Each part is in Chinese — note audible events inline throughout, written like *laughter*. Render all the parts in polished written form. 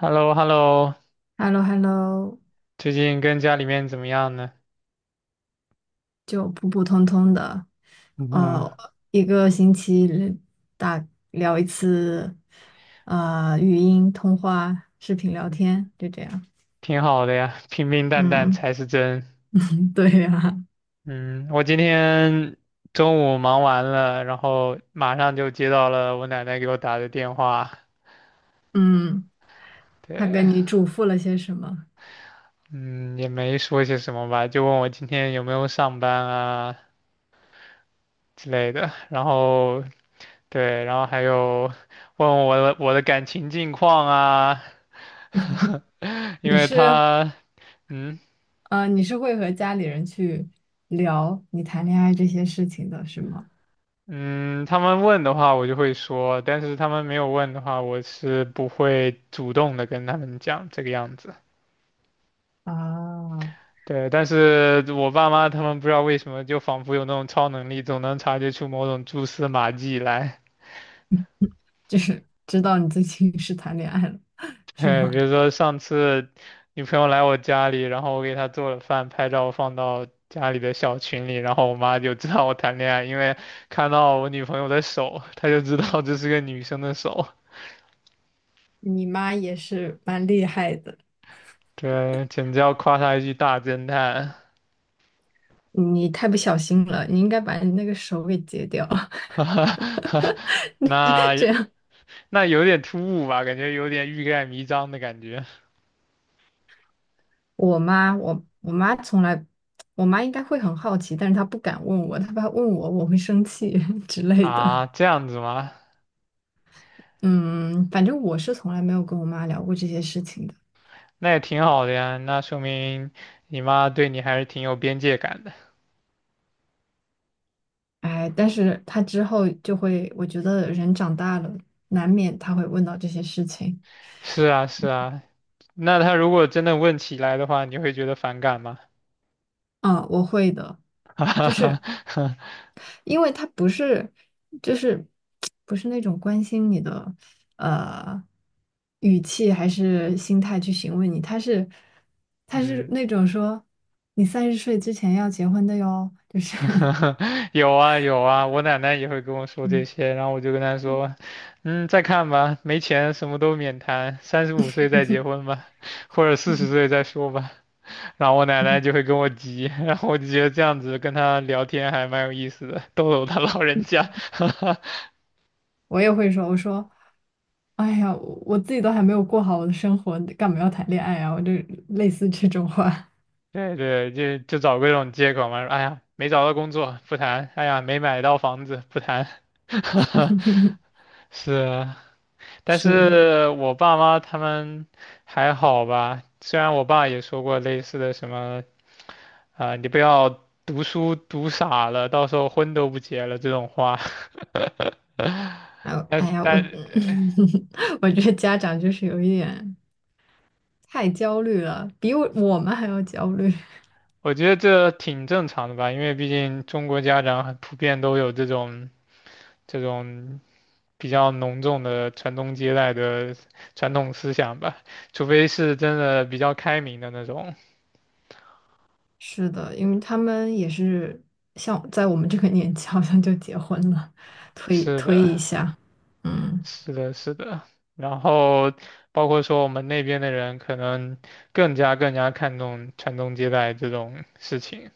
h e l l o h e l l o hello hello 最近跟家里面怎么样呢？就普普通通的，嗯，呃，一个星期里打聊一次，语音通话、视频聊天，就这样。挺好的呀，平平淡淡嗯，才是真。*laughs* 对呀，嗯，我今天中午忙完了，然后马上就接到了我奶奶给我打的电话。嗯，他跟对，你嘱咐了些什么？嗯，也没说些什么吧，就问我今天有没有上班啊之类的。然后对，然后还有问我的感情近况啊，*laughs* 因你为是，她。嗯，你是会和家里人去聊你谈恋爱这些事情的，是吗？嗯，他们问的话我就会说，但是他们没有问的话，我是不会主动的跟他们讲这个样子。啊，对，但是我爸妈他们不知道为什么，就仿佛有那种超能力，总能察觉出某种蛛丝马迹来。就是知道你最近是谈恋爱了，*laughs* 是哎，吗？比如说上次女朋友来我家里，然后我给她做了饭，拍照放到家里的小群里，然后我妈就知道我谈恋爱，因为看到我女朋友的手，她就知道这是个女生的手。你妈也是蛮厉害的。对，简直要夸她一句大侦探。你太不小心了，你应该把你那个手给截掉。*laughs* *laughs* 那这样，有点突兀吧，感觉有点欲盖弥彰的感觉我妈，我我妈从来，我妈应该会很好奇，但是她不敢问我，她怕问我我会生气 *laughs* 之类的。啊，这样子吗？嗯，反正我是从来没有跟我妈聊过这些事情的。那也挺好的呀，那说明你妈对你还是挺有边界感的。哎，但是她之后就会，我觉得人长大了，难免她会问到这些事情。是啊，是啊，那她如果真的问起来的话，你会觉得反感吗？嗯，我会的，*laughs* 哈哈就是哈，因为他不是，就是不是那种关心你的呃语气还是心态去询问你，他是嗯，那种说你30岁之前要结婚的哟，就是 *laughs* *laughs* 有啊有啊，我奶奶也会跟我说这嗯，些，然后我就跟她说，嗯，再看吧，没钱什么都免谈，35岁再结婚吧，或者40岁再说吧。然后我奶奶就会跟我急，*laughs* 然后我就觉得这样子跟她聊天还蛮有意思的，逗逗她老人家。*laughs* 我也会说，我说哎呀，我自己都还没有过好我的生活，干嘛要谈恋爱啊？我就类似这种话对对，就找各种借口嘛，说哎呀没找到工作不谈，哎呀没买到房子不谈。*laughs* 是啊，但是，是我爸妈他们还好吧，虽然我爸也说过类似的什么啊、你不要读书读傻了，到时候婚都不结了这种话，哎 *laughs* 呦但哎是呀，我 但 *laughs* 我觉得家长就是有一点。太焦虑了，比我们还要焦虑。*laughs* 我觉得这挺正常的吧，因为毕竟中国家长很普遍都有这种这种比较浓重的传宗接代的传统思想吧，除非是真的比较开明的那种。是的，因为他们也是像在我们这个年纪，好像就结婚了，推是推的，一下，嗯是的，是的。然后包括说我们那边的人可能更加看重传宗接代这种事情，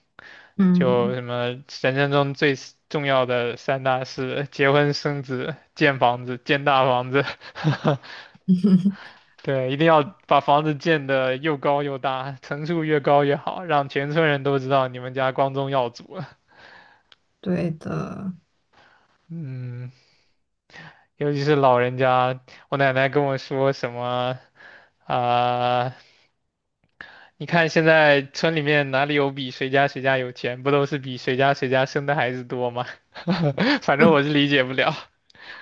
就嗯，什么人生中最重要的三大事：结婚、生子、建房子、建大房子。*laughs* *laughs* 对，一定要把房子建得又高又大，层数越高越好，让全村人都知道你们家光宗耀祖了。对的。嗯，尤其是老人家，我奶奶跟我说什么啊、你看现在村里面哪里有比谁家谁家有钱，不都是比谁家谁家生的孩子多吗？*laughs* 反正我是理解不了。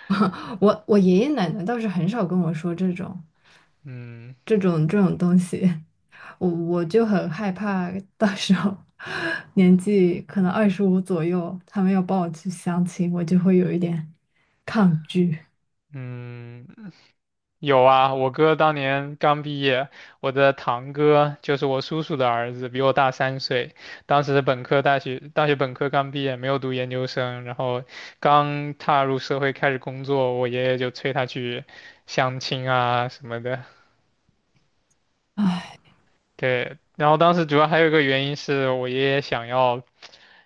*laughs* 我爷爷奶奶倒是很少跟我说这种嗯。东西，*laughs* 我就很害怕，到时候 *laughs* 年纪可能25左右，他们要帮我去相亲，我就会有一点抗拒。嗯，有啊，我哥当年刚毕业，我的堂哥就是我叔叔的儿子，比我大3岁。当时本科大学，大学本科刚毕业，没有读研究生，然后刚踏入社会开始工作，我爷爷就催他去相亲啊什么的。唉对，然后当时主要还有一个原因是我爷爷想要。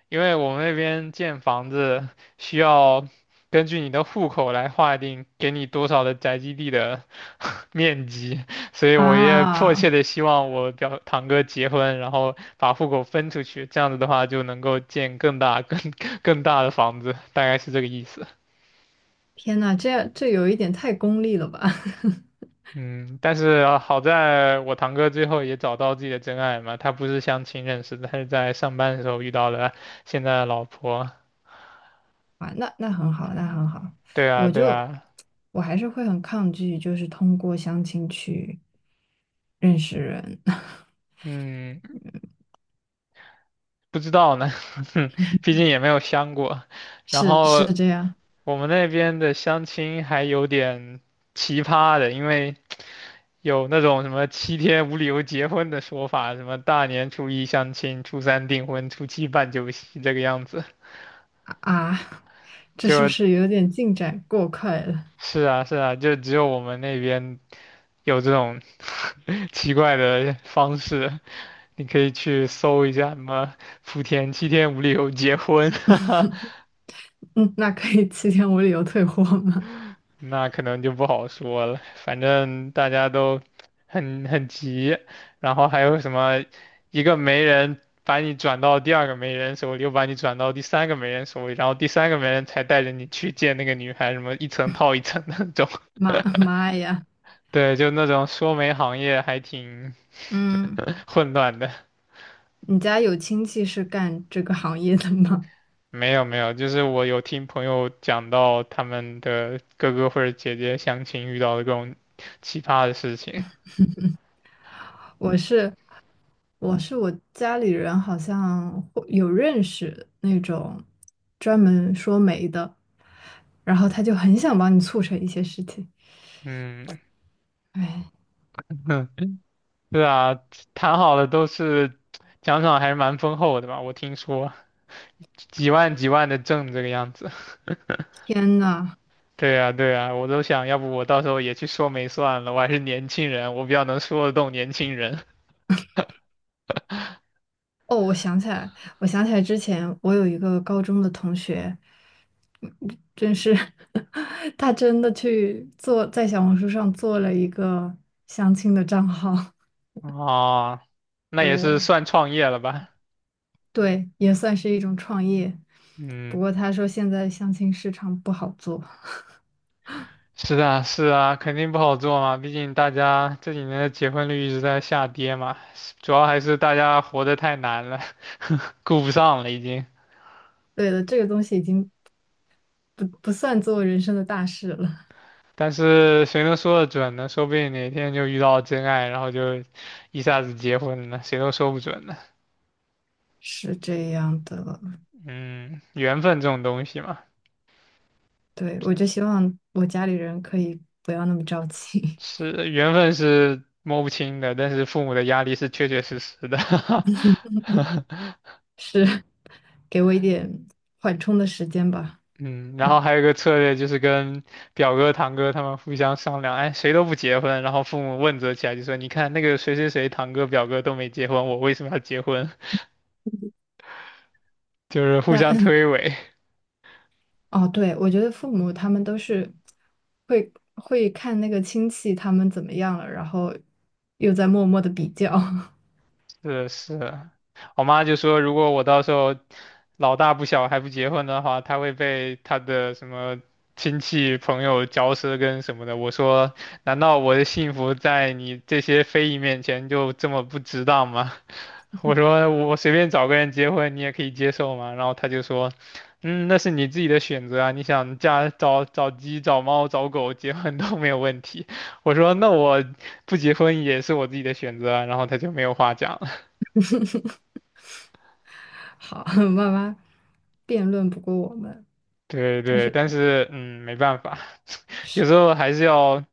因为我们那边建房子需要根据你的户口来划定给你多少的宅基地的 *laughs* 面积，所以我也迫啊，切的希望我表堂哥结婚，然后把户口分出去，这样子的话就能够建更大、更 *laughs* 更大的房子，大概是这个意思。天呐，这样这有一点太功利了吧？*laughs* 嗯，但是啊好在我堂哥最后也找到自己的真爱嘛，他不是相亲认识的，他是在上班的时候遇到了现在的老婆。啊，那很好，那很好。对啊，我对就啊，我还是会很抗拒，就是通过相亲去认识人，嗯。不知道呢，*laughs* 毕竟也没有相过。*laughs* 然是是后这样我们那边的相亲还有点奇葩的，因为有那种什么七天无理由结婚的说法，什么大年初一相亲，初三订婚，初七办酒席这个样子。啊？啊，这是不就是有点进展过快了？是啊，是啊，就只有我们那边有这种 *laughs* 奇怪的方式，你可以去搜一下什么“福田七天无理由结婚” *laughs* 嗯，那可以7天无理由退货吗？那可能就不好说了，反正大家都很急，然后还有什么一个媒人把你转到第二个媒人手里，又把你转到第三个媒人手里，然后第三个媒人才带着你去见那个女孩，什么一层套一层的那种。*laughs* 妈妈呀，对，就那种说媒行业还挺 嗯，*laughs* 混乱的。你家有亲戚是干这个行业的吗？没有没有，就是我有听朋友讲到他们的哥哥或者姐姐相亲遇到的各种奇葩的事情。我是我是我家里人好像会有认识那种专门说媒的，然后他就很想帮你促成一些事情。嗯。哎，*laughs* 对啊，谈好了都是奖赏还是蛮丰厚的吧？我听说几万几万的挣这个样子。*laughs* 天呐！对啊，对啊，我都想要不我到时候也去说媒算了，我还是年轻人，我比较能说得动年轻人。哦，我想起来，我想起来之前我有一个高中的同学，嗯真是 *laughs* 他真的去做在小红书上做了一个相亲的账号，啊，*laughs* 那也是对算创业了吧？对，也算是一种创业。不嗯，过他说现在相亲市场不好做。是啊，是啊，肯定不好做嘛，毕竟大家这几年的结婚率一直在下跌嘛，主要还是大家活得太难了，*laughs* 顾不上了已经。对的，这个东西已经不算做人生的大事了，但是谁能说得准呢？说不定哪天就遇到真爱，然后就一下子结婚了，谁都说不准呢。是这样的。嗯，缘分这种东西嘛，对，我就希望我家里人可以不要那么着急，是缘分是摸不清的，但是父母的压力是确确实实的。*laughs* *laughs* 是给我一点缓冲的时间吧。嗯，然后还有一个策略就是跟表哥、堂哥他们互相商量，哎，谁都不结婚，然后父母问责起来，就说你看那个谁谁谁堂哥、表哥都没结婚，我为什么要结婚？*laughs* 就是互那 相推诿。*clears throat* 哦，对，我觉得父母他们都是会看那个亲戚他们怎么样了，然后又在默默的比较。是是，我妈就说，如果我到时候老大不小还不结婚的话，她会被她的什么亲戚朋友嚼舌根什么的。我说，难道我的幸福在你这些非议面前就这么不值当吗？*laughs* 我说我随便找个人结婚，你也可以接受吗？然后她就说，嗯，那是你自己的选择啊，你想嫁找找鸡、找猫、找狗结婚都没有问题。*laughs* 我说那我不结婚也是我自己的选择啊，然后她就没有话讲。*laughs* 好，*laughs* 慢慢辩论不过我们，对但对，是但是嗯，没办法，*laughs* 是有时候还是要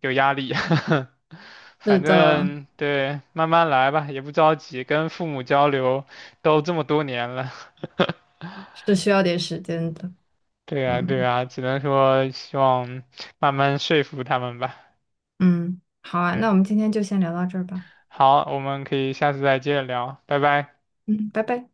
有压力。*laughs* 反的，正对，慢慢来吧，也不着急，跟父母交流都这么多年了。*laughs* 是需要点时间的，对呀对嗯。呀，只能说希望慢慢说服他们吧。嗯，好啊，那嗯，我们今天就先聊到这儿吧。好，我们可以下次再接着聊，拜拜。嗯，拜拜。